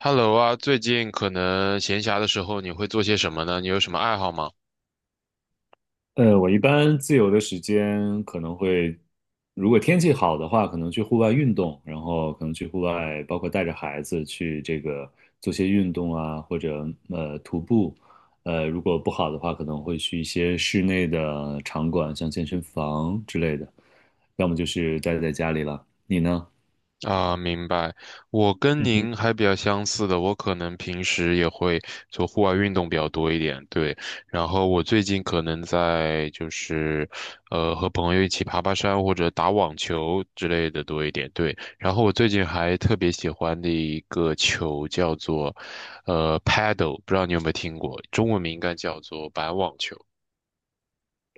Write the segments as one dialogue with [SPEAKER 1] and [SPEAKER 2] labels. [SPEAKER 1] Hello 啊，最近可能闲暇的时候你会做些什么呢？你有什么爱好吗？
[SPEAKER 2] 我一般自由的时间可能会，如果天气好的话，可能去户外运动，然后可能去户外，包括带着孩子去这个做些运动啊，或者徒步。如果不好的话，可能会去一些室内的场馆，像健身房之类的，要么就是待在家里了。你呢？
[SPEAKER 1] 啊，明白。我跟
[SPEAKER 2] 嗯哼
[SPEAKER 1] 您还比较相似的，我可能平时也会做户外运动比较多一点，对。然后我最近可能在就是，呃，和朋友一起爬爬山或者打网球之类的多一点，对。然后我最近还特别喜欢的一个球叫做，paddle，不知道你有没有听过，中文名应该叫做板网球。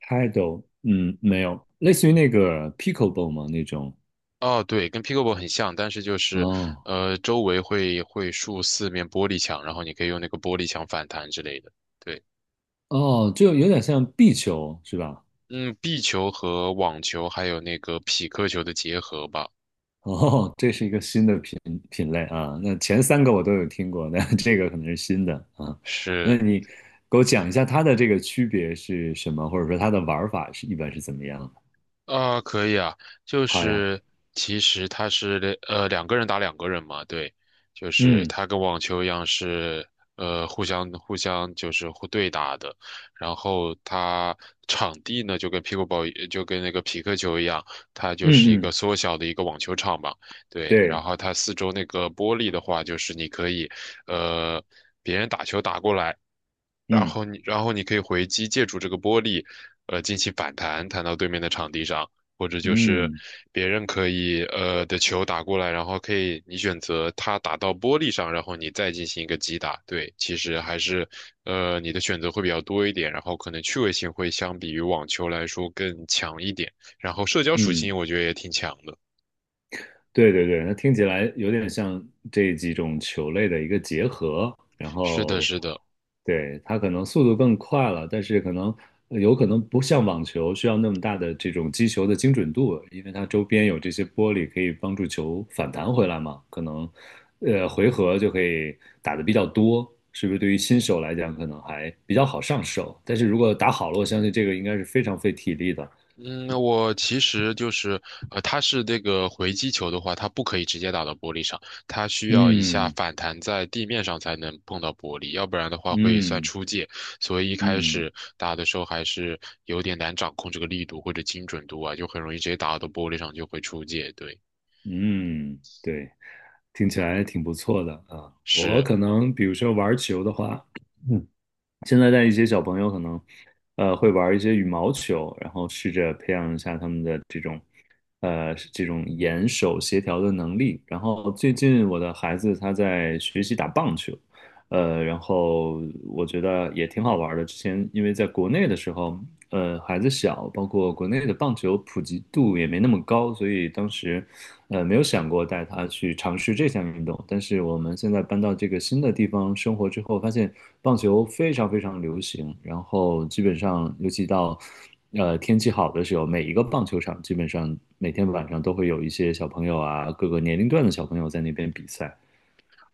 [SPEAKER 2] ，Paddle，嗯，没有，类似于那个 pickleball 吗？那种？
[SPEAKER 1] 哦，对，跟 pickleball 很像，但是就是，
[SPEAKER 2] 哦
[SPEAKER 1] 呃，周围会竖四面玻璃墙，然后你可以用那个玻璃墙反弹之类的。对，
[SPEAKER 2] 哦，就有点像壁球是吧？
[SPEAKER 1] 嗯，壁球和网球还有那个匹克球的结合吧，
[SPEAKER 2] 哦，这是一个新的品类啊。那前三个我都有听过，那 这个可能是新的啊。那
[SPEAKER 1] 是
[SPEAKER 2] 你给我讲一下它的这个区别是什么，或者说它的玩法是一般是怎么样的？
[SPEAKER 1] 啊，可以啊，就
[SPEAKER 2] 好呀，
[SPEAKER 1] 是其实它是两个人打两个人嘛，对，就是
[SPEAKER 2] 嗯
[SPEAKER 1] 它跟网球一样是互相互对打的，然后它场地呢就跟 pickleball 就跟那个匹克球一样，它就是一
[SPEAKER 2] 嗯
[SPEAKER 1] 个
[SPEAKER 2] 嗯，
[SPEAKER 1] 缩小的一个网球场嘛，对，然
[SPEAKER 2] 对，
[SPEAKER 1] 后它四周那个玻璃的话，就是你可以呃别人打球打过来。
[SPEAKER 2] 嗯
[SPEAKER 1] 然后你可以回击，借助这个玻璃，进行反弹，弹到对面的场地上，或者就是
[SPEAKER 2] 嗯
[SPEAKER 1] 别人可以的球打过来，然后可以你选择他打到玻璃上，然后你再进行一个击打。对，其实还是呃你的选择会比较多一点，然后可能趣味性会相比于网球来说更强一点，然后社交属
[SPEAKER 2] 嗯。
[SPEAKER 1] 性我觉得也挺强的。
[SPEAKER 2] 对对对，它听起来有点像这几种球类的一个结合，然
[SPEAKER 1] 是的，
[SPEAKER 2] 后，
[SPEAKER 1] 是的。
[SPEAKER 2] 对，它可能速度更快了，但是可能有可能不像网球需要那么大的这种击球的精准度，因为它周边有这些玻璃可以帮助球反弹回来嘛，可能，回合就可以打的比较多，是不是？对于新手来讲，可能还比较好上手，但是如果打好了，我相信这个应该是非常费体力的。
[SPEAKER 1] 嗯，我其实就是，呃，它是这个回击球的话，它不可以直接打到玻璃上，它需要一下
[SPEAKER 2] 嗯
[SPEAKER 1] 反弹在地面上才能碰到玻璃，要不然的话会算
[SPEAKER 2] 嗯
[SPEAKER 1] 出界。所以一开
[SPEAKER 2] 嗯。
[SPEAKER 1] 始打的时候还是有点难掌控这个力度或者精准度啊，就很容易直接打到玻璃上就会出界。对，
[SPEAKER 2] 嗯，对，听起来挺不错的啊。我
[SPEAKER 1] 是，
[SPEAKER 2] 可能比如说玩球的话，嗯，现在带一些小朋友可能，会玩一些羽毛球，然后试着培养一下他们的这种，这种眼手协调的能力。然后最近我的孩子他在学习打棒球，然后我觉得也挺好玩的。之前因为在国内的时候，孩子小，包括国内的棒球普及度也没那么高，所以当时没有想过带他去尝试这项运动，但是我们现在搬到这个新的地方生活之后，发现棒球非常非常流行，然后基本上，尤其到天气好的时候，每一个棒球场基本上每天晚上都会有一些小朋友啊，各个年龄段的小朋友在那边比赛。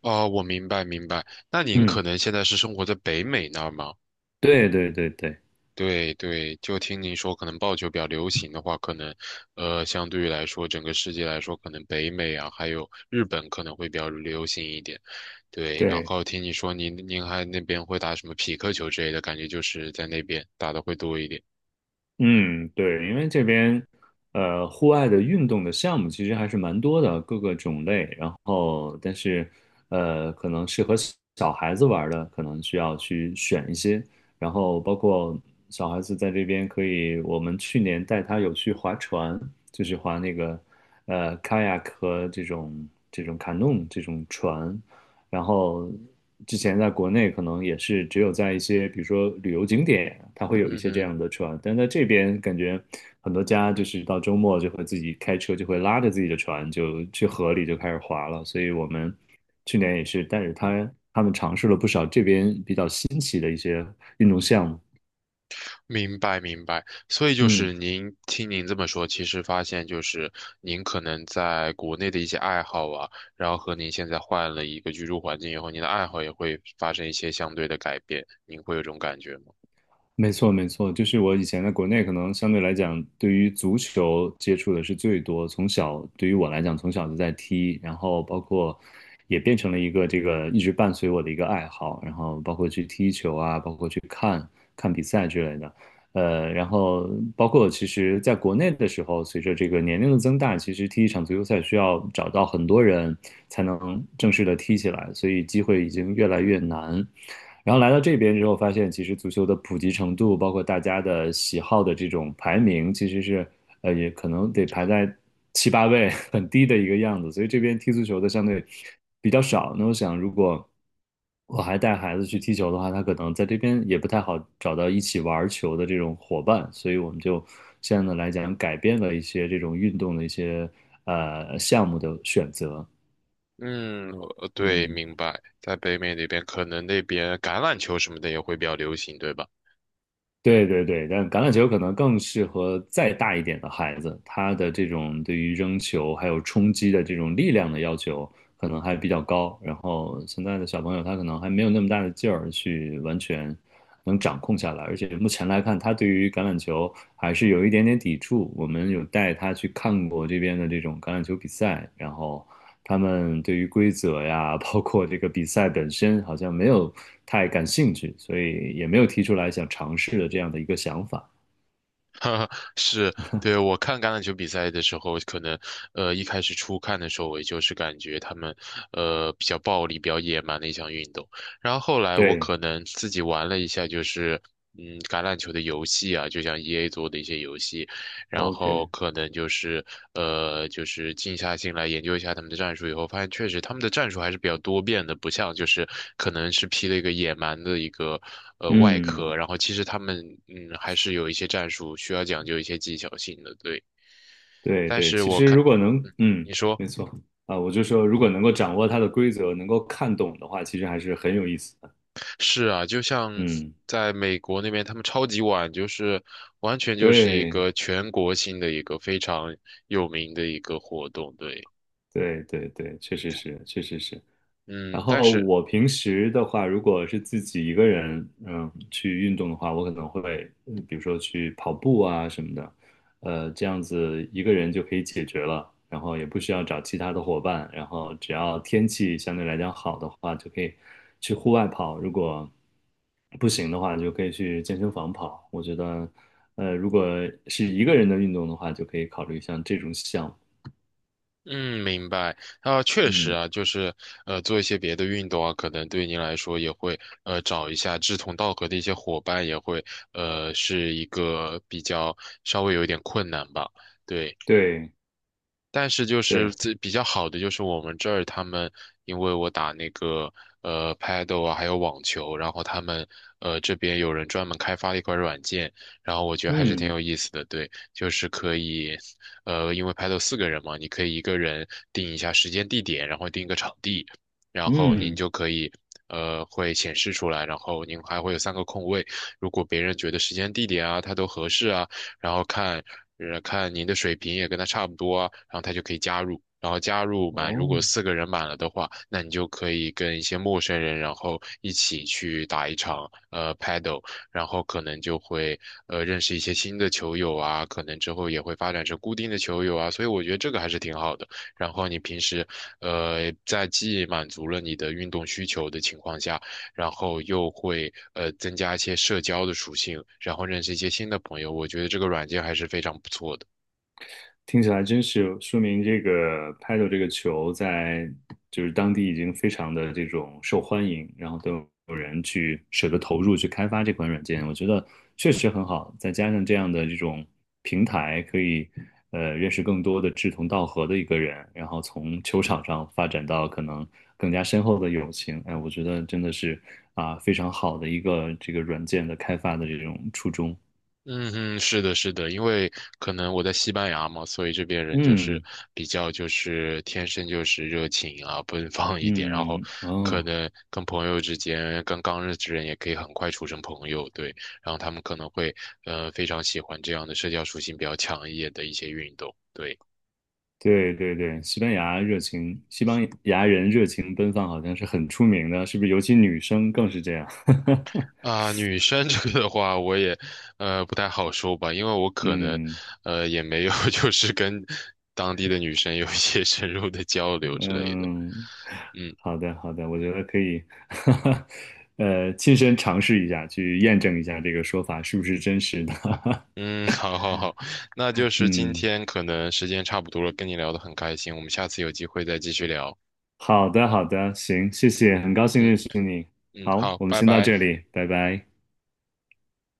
[SPEAKER 1] 哦，我明白明白。那您可
[SPEAKER 2] 嗯，
[SPEAKER 1] 能现在是生活在北美那儿吗？
[SPEAKER 2] 对对对对
[SPEAKER 1] 对对，就听您说，可能棒球比较流行的话，可能，相对于来说，整个世界来说，可能北美啊，还有日本可能会比较流行一点。对，然
[SPEAKER 2] 对。
[SPEAKER 1] 后听你说您还那边会打什么匹克球之类的，感觉就是在那边打的会多一点。
[SPEAKER 2] 嗯，对，因为这边户外的运动的项目其实还是蛮多的，各个种类。然后，但是可能适合小小孩子玩儿的，可能需要去选一些。然后，包括小孩子在这边可以，我们去年带他有去划船，就是划那个kayak 和这种 canoe 这种船。然后之前在国内可能也是只有在一些比如说旅游景点啊，它会有一
[SPEAKER 1] 嗯
[SPEAKER 2] 些这
[SPEAKER 1] 哼。
[SPEAKER 2] 样的船，但在这边感觉很多家就是到周末就会自己开车，就会拉着自己的船就去河里就开始划了。所以我们去年也是带着他们尝试了不少这边比较新奇的一些运动项目。
[SPEAKER 1] 明白明白，所以就是
[SPEAKER 2] 嗯。
[SPEAKER 1] 您听您这么说，其实发现就是您可能在国内的一些爱好啊，然后和您现在换了一个居住环境以后，您的爱好也会发生一些相对的改变，您会有这种感觉吗？
[SPEAKER 2] 没错，没错，就是我以前在国内，可能相对来讲，对于足球接触的是最多。从小，对于我来讲，从小就在踢，然后包括也变成了一个这个一直伴随我的一个爱好，然后包括去踢球啊，包括去看比赛之类的。然后包括其实在国内的时候，随着这个年龄的增大，其实踢一场足球赛需要找到很多人才能正式的踢起来，所以机会已经越来越难。然后来到这边之后，发现其实足球的普及程度，包括大家的喜好的这种排名，其实是也可能得排在7、8位，很低的一个样子。所以这边踢足球的相对比较少。那我想，如果我还带孩子去踢球的话，他可能在这边也不太好找到一起玩球的这种伙伴。所以我们就相应的来讲，改变了一些这种运动的一些项目的选择。
[SPEAKER 1] 嗯，呃对，
[SPEAKER 2] 嗯
[SPEAKER 1] 明白，在北美那边可能那边橄榄球什么的也会比较流行，对吧？
[SPEAKER 2] 对对对，但橄榄球可能更适合再大一点的孩子，他的这种对于扔球还有冲击的这种力量的要求可能还比较高。然后现在的小朋友他可能还没有那么大的劲儿去完全能掌控下来，而且目前来看，他对于橄榄球还是有一点点抵触。我们有带他去看过这边的这种橄榄球比赛，然后。他们对于规则呀，包括这个比赛本身，好像没有太感兴趣，所以也没有提出来想尝试的这样的一个想法。
[SPEAKER 1] 是，对，我看橄榄球比赛的时候，一开始初看的时候，我也就是感觉他们比较暴力、比较野蛮的一项运动。然后后来我
[SPEAKER 2] 对
[SPEAKER 1] 可能自己玩了一下，橄榄球的游戏啊，就像 EA 做的一些游戏，然后
[SPEAKER 2] ，OK，
[SPEAKER 1] 可能就是呃，就是静下心来研究一下他们的战术以后，发现确实他们的战术还是比较多变的，不像就是可能是披了一个野蛮的一个外壳，
[SPEAKER 2] 嗯，
[SPEAKER 1] 然后其实他们还是有一些战术需要讲究一些技巧性的，对。
[SPEAKER 2] 对
[SPEAKER 1] 但
[SPEAKER 2] 对，
[SPEAKER 1] 是
[SPEAKER 2] 其
[SPEAKER 1] 我
[SPEAKER 2] 实
[SPEAKER 1] 看，
[SPEAKER 2] 如果能，
[SPEAKER 1] 嗯，
[SPEAKER 2] 嗯，
[SPEAKER 1] 你说
[SPEAKER 2] 没错啊，我就说如果能够掌握它的规则，能够看懂的话，其实还是很有意思的。
[SPEAKER 1] 是啊，就像
[SPEAKER 2] 嗯，
[SPEAKER 1] 在美国那边，他们超级碗就是完全就是一
[SPEAKER 2] 对
[SPEAKER 1] 个全国性的一个非常有名的一个活动，对。
[SPEAKER 2] 对对对，确实是，确实是。然
[SPEAKER 1] 嗯，但
[SPEAKER 2] 后
[SPEAKER 1] 是
[SPEAKER 2] 我平时的话，如果是自己一个人，嗯，去运动的话，我可能会，嗯比如说去跑步啊什么的，这样子一个人就可以解决了，然后也不需要找其他的伙伴，然后只要天气相对来讲好的话，就可以去户外跑，如果不行的话，就可以去健身房跑。我觉得，如果是一个人的运动的话，就可以考虑像这种项目。
[SPEAKER 1] 嗯，明白。啊，确实
[SPEAKER 2] 嗯，
[SPEAKER 1] 啊，做一些别的运动啊，可能对您来说也会找一下志同道合的一些伙伴，也会是一个比较稍微有一点困难吧。对，
[SPEAKER 2] 对
[SPEAKER 1] 但是就是
[SPEAKER 2] 对，
[SPEAKER 1] 最比较好的就是我们这儿他们，因为我打那个Paddle 啊，还有网球，然后他们这边有人专门开发了一款软件，然后我觉得还是挺
[SPEAKER 2] 嗯
[SPEAKER 1] 有意思的。对，就是可以，呃，因为 Paddle 四个人嘛，你可以一个人定一下时间地点，然后定一个场地，然后您
[SPEAKER 2] 嗯，
[SPEAKER 1] 就可以。呃，会显示出来，然后您还会有三个空位。如果别人觉得时间、地点啊，他都合适啊，然后看，看您的水平也跟他差不多啊，然后他就可以加入。然后加入满，如果
[SPEAKER 2] 哦。
[SPEAKER 1] 四个人满了的话，那你就可以跟一些陌生人，然后一起去打一场paddle，然后可能就会认识一些新的球友啊，可能之后也会发展成固定的球友啊，所以我觉得这个还是挺好的。然后你平时在既满足了你的运动需求的情况下，然后又会增加一些社交的属性，然后认识一些新的朋友。我觉得这个软件还是非常不错的。
[SPEAKER 2] 听起来真是有说明这个 paddle 这个球在就是当地已经非常的这种受欢迎，然后都有人去舍得投入去开发这款软件，我觉得确实很好。再加上这样的这种平台，可以认识更多的志同道合的一个人，然后从球场上发展到可能更加深厚的友情。哎，我觉得真的是啊非常好的一个这个软件的开发的这种初衷。
[SPEAKER 1] 嗯哼，是的，是的，因为可能我在西班牙嘛，所以这边人就是
[SPEAKER 2] 嗯
[SPEAKER 1] 比较就是天生就是热情啊，奔放一点，然后
[SPEAKER 2] 嗯
[SPEAKER 1] 可
[SPEAKER 2] 哦。
[SPEAKER 1] 能跟朋友之间，跟刚认识的人也可以很快处成朋友，对，然后他们可能会非常喜欢这样的社交属性比较强一点的一些运动，对。
[SPEAKER 2] 对对对，西班牙热情，西班牙人热情奔放好像是很出名的，是不是？尤其女生更是这样。
[SPEAKER 1] 啊，女生 这个的话，我也不太好说吧，因为我可能
[SPEAKER 2] 嗯
[SPEAKER 1] 也没有 就是跟当地的女生有一些 深入的交流之类的。
[SPEAKER 2] 嗯，
[SPEAKER 1] 嗯
[SPEAKER 2] 好的好的，我觉得可以，亲身尝试一下，去验证一下这个说法是不是真实的。
[SPEAKER 1] 嗯，好好好，那就 是今
[SPEAKER 2] 嗯，
[SPEAKER 1] 天可能时间差不多了，跟你聊得很开心，我们下次有机会再继续聊。
[SPEAKER 2] 好的好的，行，谢谢，很高兴
[SPEAKER 1] 嗯
[SPEAKER 2] 认识你。
[SPEAKER 1] 嗯，
[SPEAKER 2] 好，
[SPEAKER 1] 好，
[SPEAKER 2] 我们
[SPEAKER 1] 拜
[SPEAKER 2] 先到
[SPEAKER 1] 拜。
[SPEAKER 2] 这里，拜拜。